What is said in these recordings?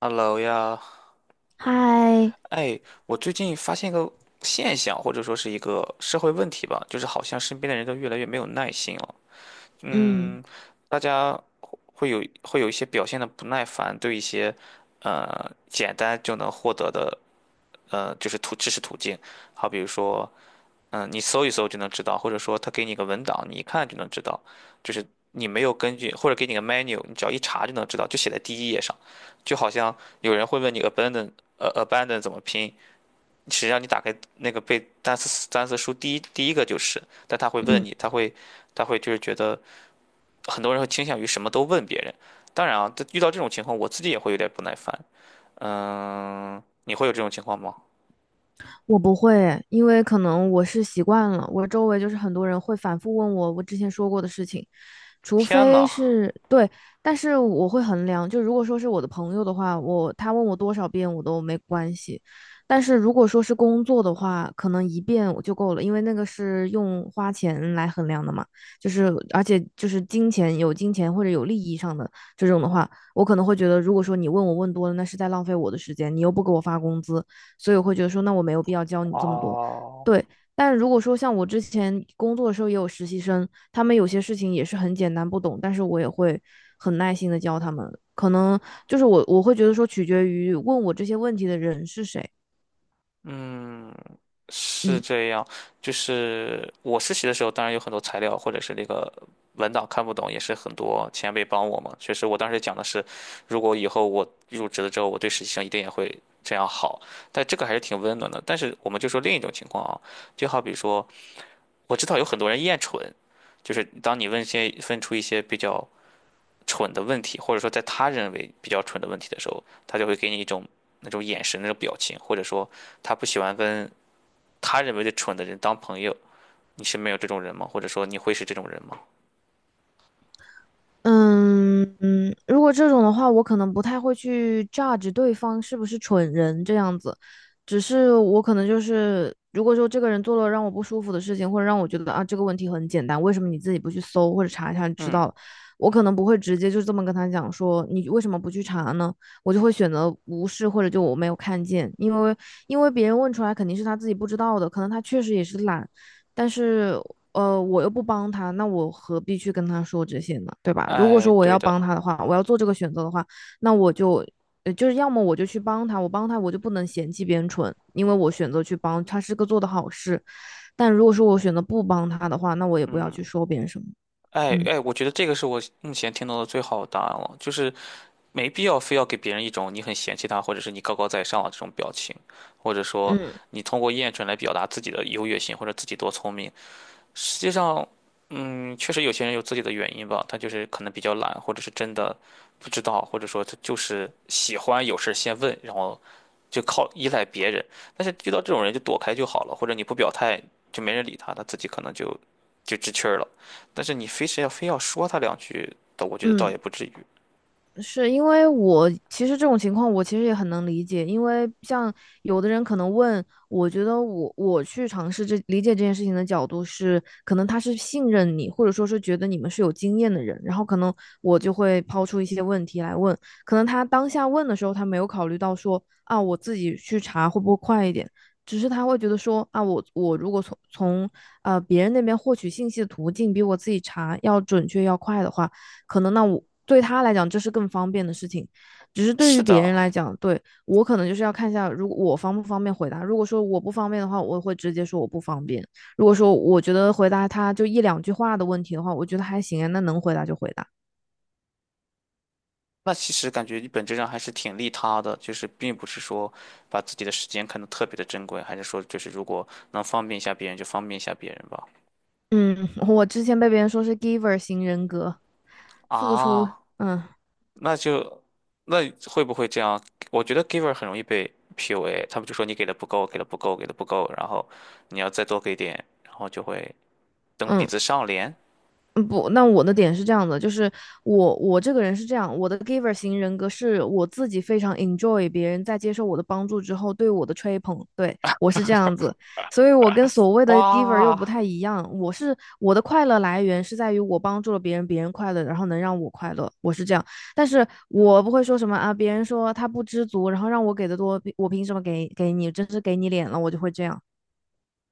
Hello 呀。嗨，哎，我最近发现一个现象，或者说是一个社会问题吧，就是好像身边的人都越来越没有耐心了。嗯嗯，大家会有一些表现的不耐烦，对一些简单就能获得的就是途知识途径，好比如说，嗯，你搜一搜就能知道，或者说他给你个文档，你一看就能知道，就是你没有根据，或者给你个 menu,你只要一查就能知道，就写在第一页上，就好像有人会问你 abandon, abandon 怎么拼。实际上你打开那个背单词单词书第一个就是，但他会问嗯，你，他会他会就是觉得很多人会倾向于什么都问别人。当然啊，这遇到这种情况，我自己也会有点不耐烦。嗯，你会有这种情况吗？我不会，因为可能我是习惯了，我周围就是很多人会反复问我我之前说过的事情，除天非呐！是对，但是我会衡量，就如果说是我的朋友的话，他问我多少遍我都没关系，但是如果说是工作的话，可能一遍我就够了，因为那个是用花钱来衡量的嘛，就是而且就是金钱或者有利益上的这种的话，我可能会觉得，如果说你问我问多了，那是在浪费我的时间，你又不给我发工资，所以我会觉得说，那我没有必要教你这么啊！多。对，但如果说像我之前工作的时候也有实习生，他们有些事情也是很简单不懂，但是我也会很耐心的教他们。可能就是我会觉得说取决于问我这些问题的人是谁，嗯，是嗯。这样。就是我实习的时候，当然有很多材料或者是那个文档看不懂，也是很多前辈帮我嘛。确实，我当时讲的是，如果以后我入职了之后，我对实习生一定也会这样好。但这个还是挺温暖的。但是我们就说另一种情况啊，就好比说，我知道有很多人厌蠢，就是当你问些问出一些比较蠢的问题，或者说在他认为比较蠢的问题的时候，他就会给你一种那种眼神、那种表情，或者说他不喜欢跟。他认为的蠢的人当朋友。你身边有这种人吗？或者说你会是这种人吗？嗯嗯，如果这种的话，我可能不太会去 judge 对方是不是蠢人这样子，只是我可能就是，如果说这个人做了让我不舒服的事情，或者让我觉得啊这个问题很简单，为什么你自己不去搜或者查一下就知嗯。道了？我可能不会直接就这么跟他讲说你为什么不去查呢？我就会选择无视或者就我没有看见，因为因为别人问出来肯定是他自己不知道的，可能他确实也是懒，但是我又不帮他，那我何必去跟他说这些呢？对吧？如果哎，说我对要的。帮他的话，我要做这个选择的话，那我就，就是要么我就去帮他，我帮他我就不能嫌弃别人蠢，因为我选择去帮他是个做的好事。但如果说我选择不帮他的话，那我也不要嗯，去说别人什么。哎嗯哎，我觉得这个是我目前听到的最好的答案了，就是没必要非要给别人一种你很嫌弃他，或者是你高高在上的这种表情，或者说嗯你通过厌蠢来表达自己的优越性或者自己多聪明。实际上，嗯，确实有些人有自己的原因吧，他就是可能比较懒，或者是真的不知道，或者说他就是喜欢有事先问，然后就靠依赖别人。但是遇到这种人就躲开就好了，或者你不表态就没人理他，他自己可能就知趣儿了。但是你非要说他两句的，我觉得倒嗯。也不至于。是因为我其实这种情况，我其实也很能理解，因为像有的人可能问，我觉得我去尝试这理解这件事情的角度是，可能他是信任你，或者说是觉得你们是有经验的人，然后可能我就会抛出一些问题来问，可能他当下问的时候，他没有考虑到说啊，我自己去查会不会快一点，只是他会觉得说啊，我我如果从呃别人那边获取信息的途径比我自己查要准确要快的话。可能那我对他来讲这是更方便的事情，只是对是于别的。人来讲，对我可能就是要看一下，如果我方不方便回答。如果说我不方便的话，我会直接说我不方便。如果说我觉得回答他就一两句话的问题的话，我觉得还行啊，那能回答就回答。那其实感觉你本质上还是挺利他的，就是并不是说把自己的时间看得特别的珍贵，还是说就是如果能方便一下别人就方便一下别人吧。嗯，我之前被别人说是 giver 型人格，付出，啊。嗯那就那会不会这样？我觉得 giver 很容易被 PUA,他们就说你给的不够然后你要再多给点，然后就会蹬鼻嗯。子上脸。嗯，不，那我的点是这样的，就是我这个人是这样，我的 giver 型人格是我自己非常 enjoy 别人在接受我的帮助之后对我的吹捧，对，我是这样子，所以我跟所谓的 giver 又哇。不太一样，我是我的快乐来源是在于我帮助了别人，别人快乐，然后能让我快乐，我是这样，但是我不会说什么啊，别人说他不知足，然后让我给的多，我凭什么给你，真是给你脸了，我就会这样，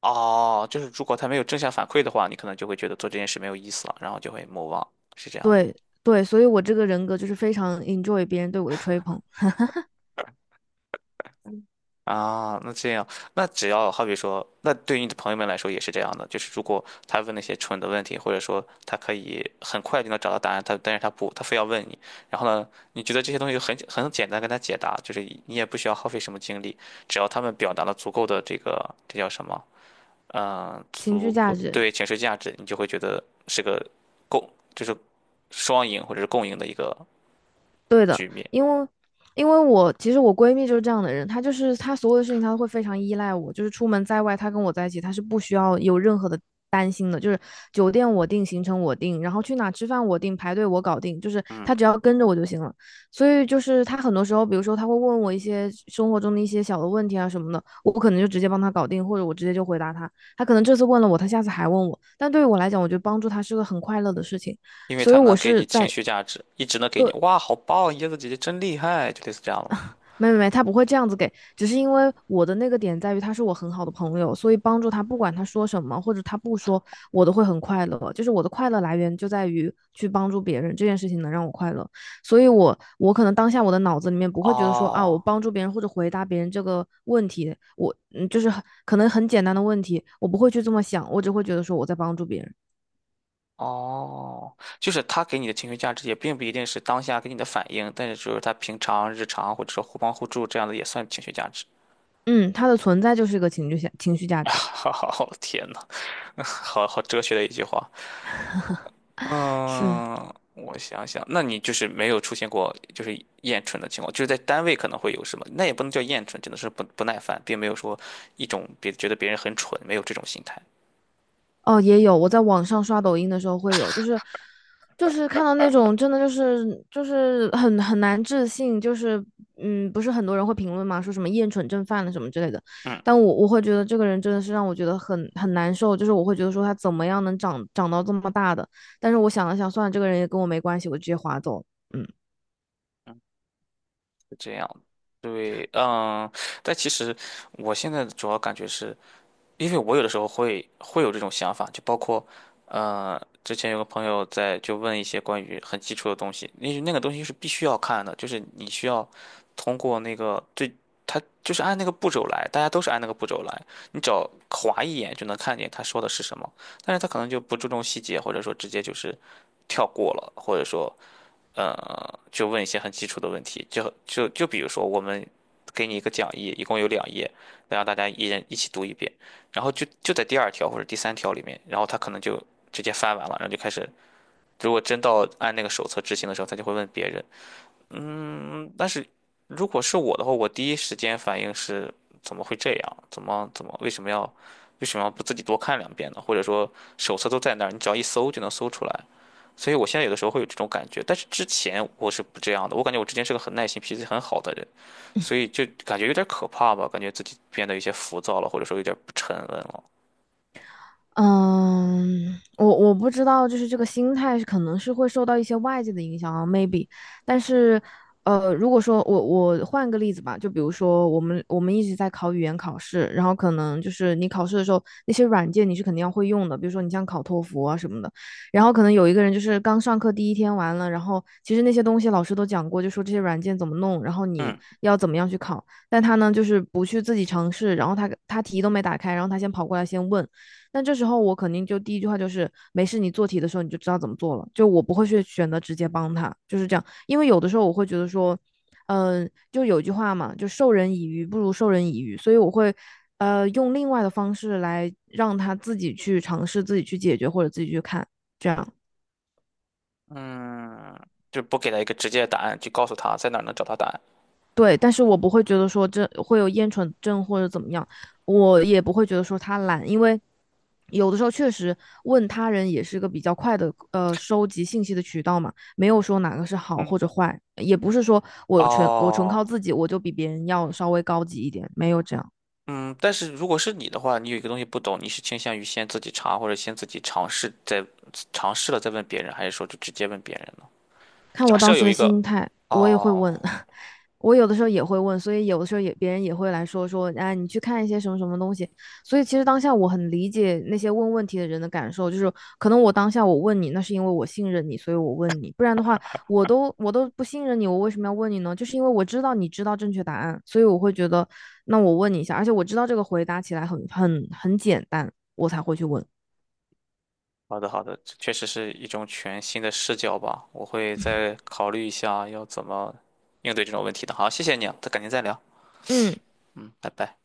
哦，就是如果他没有正向反馈的话，你可能就会觉得做这件事没有意思了，然后就会 m o, 是这样吗？对对，所以我这个人格就是非常 enjoy 别人对我的吹捧。啊，那这样，那只要好比说，那对于你的朋友们来说也是这样的，就是如果他问那些蠢的问题，或者说他可以很快就能找到答案，他但是他不，他非要问你，然后呢，你觉得这些东西很简单，跟他解答，就是你也不需要耗费什么精力，只要他们表达了足够的这个这叫什么，嗯、情绪足价够值，对情绪价值，你就会觉得是个共，就是双赢或者是共赢的一个对的，局面。因为因为我其实我闺蜜就是这样的人，她就是她所有的事情她都会非常依赖我，就是出门在外，她跟我在一起，她是不需要有任何的担心的，就是酒店我定，行程我定，然后去哪吃饭我定，排队我搞定，就是她只要跟着我就行了。所以就是她很多时候，比如说她会问我一些生活中的一些小的问题啊什么的，我不可能就直接帮她搞定，或者我直接就回答她。她可能这次问了我，她下次还问我，但对于我来讲，我觉得帮助她是个很快乐的事情。因为所以他我能给是你情在绪价值，一直能给你"哇，好棒，椰子姐姐真厉害"，就类似这样的吗？没没没，他不会这样子给，只是因为我的那个点在于他是我很好的朋友，所以帮助他，不管他说什么或者他不说，我都会很快乐。就是我的快乐来源就在于去帮助别人这件事情能让我快乐，所以我可能当下我的脑子里面不会觉得说啊，我哦，帮助别人或者回答别人这个问题，我嗯就是很可能很简单的问题，我不会去这么想，我只会觉得说我在帮助别人。哦，就是他给你的情绪价值也并不一定是当下给你的反应，但是就是他平常日常或者说互帮互助这样的也算情绪价值。嗯，他的存在就是一个情绪价值，好，天呐，好好哲学的一句话。是嗯，我想想，那你就是没有出现过就是厌蠢的情况，就是在单位可能会有什么，那也不能叫厌蠢，只能是不耐烦，并没有说一种别觉得别人很蠢，没有这种心态。哦，也有，我在网上刷抖音的时候会有，就是就是看到那种真的就是就是很很难置信，就是嗯，不是很多人会评论嘛，说什么厌蠢症犯了什么之类的，嗯但我会觉得这个人真的是让我觉得很很难受，就是我会觉得说他怎么样能长到这么大的，但是我想了想，算了，这个人也跟我没关系，我直接划走了，嗯。嗯，是这样。对。嗯，但其实我现在主要感觉是，因为我有的时候会有这种想法，就包括，之前有个朋友在就问一些关于很基础的东西，那那个东西是必须要看的，就是你需要通过那个最，他就是按那个步骤来，大家都是按那个步骤来，你只要划一眼就能看见他说的是什么，但是他可能就不注重细节，或者说直接就是跳过了，或者说就问一些很基础的问题，就比如说，我们给你一个讲义，一共有两页，那让大家一人一起读一遍，然后就在第二条或者第三条里面，然后他可能就直接翻完了，然后就开始，如果真到按那个手册执行的时候，他就会问别人。嗯，但是如果是我的话，我第一时间反应是怎么会这样？怎么为什么要不自己多看两遍呢？或者说手册都在那儿，你只要一搜就能搜出来。所以我现在有的时候会有这种感觉，但是之前我是不这样的，我感觉我之前是个很耐心、脾气很好的人，所以就感觉有点可怕吧，感觉自己变得有些浮躁了，或者说有点不沉稳了。嗯，我不知道，就是这个心态是可能是会受到一些外界的影响啊，maybe。但是，如果说我换个例子吧，就比如说我们一直在考语言考试，然后可能就是你考试的时候那些软件你是肯定要会用的，比如说你像考托福啊什么的。然后可能有一个人就是刚上课第一天完了，然后其实那些东西老师都讲过，就说这些软件怎么弄，然后你嗯。要怎么样去考，但他呢就是不去自己尝试，然后他题都没打开，然后他先跑过来先问。但这时候我肯定就第一句话就是没事，你做题的时候你就知道怎么做了，就我不会去选择直接帮他，就是这样。因为有的时候我会觉得说，就有句话嘛，就授人以鱼不如授人以渔，所以我会。用另外的方式来让他自己去尝试、自己去解决或者自己去看，这样。嗯，就不给他一个直接的答案，就告诉他在哪儿能找到答案。对，但是我不会觉得说这会有厌蠢症或者怎么样，我也不会觉得说他懒，因为有的时候确实问他人也是个比较快的呃收集信息的渠道嘛，没有说哪个是好嗯，或者坏，也不是说我纯哦，靠自己我就比别人要稍微高级一点，没有这样。嗯，但是如果是你的话，你有一个东西不懂，你是倾向于先自己查，或者先自己尝试再尝试了再问别人，还是说就直接问别人呢？看假我当设时有的一个，心态，我也会哦，问，我有的时候也会问，所以有的时候也别人也会来说说，哎，你去看一些什么什么东西。所以其实当下我很理解那些问问题的人的感受，就是可能我当下我问你，那是因为我信任你，所以我问你，不然的话，我都不信任你，我为什么要问你呢？就是因为我知道你知道正确答案，所以我会觉得，那我问你一下，而且我知道这个回答起来很很简单，我才会去问。好的，好的，这确实是一种全新的视角吧，我会再考虑一下要怎么应对这种问题的。好，谢谢你啊，再改天再聊。嗯。嗯，拜拜。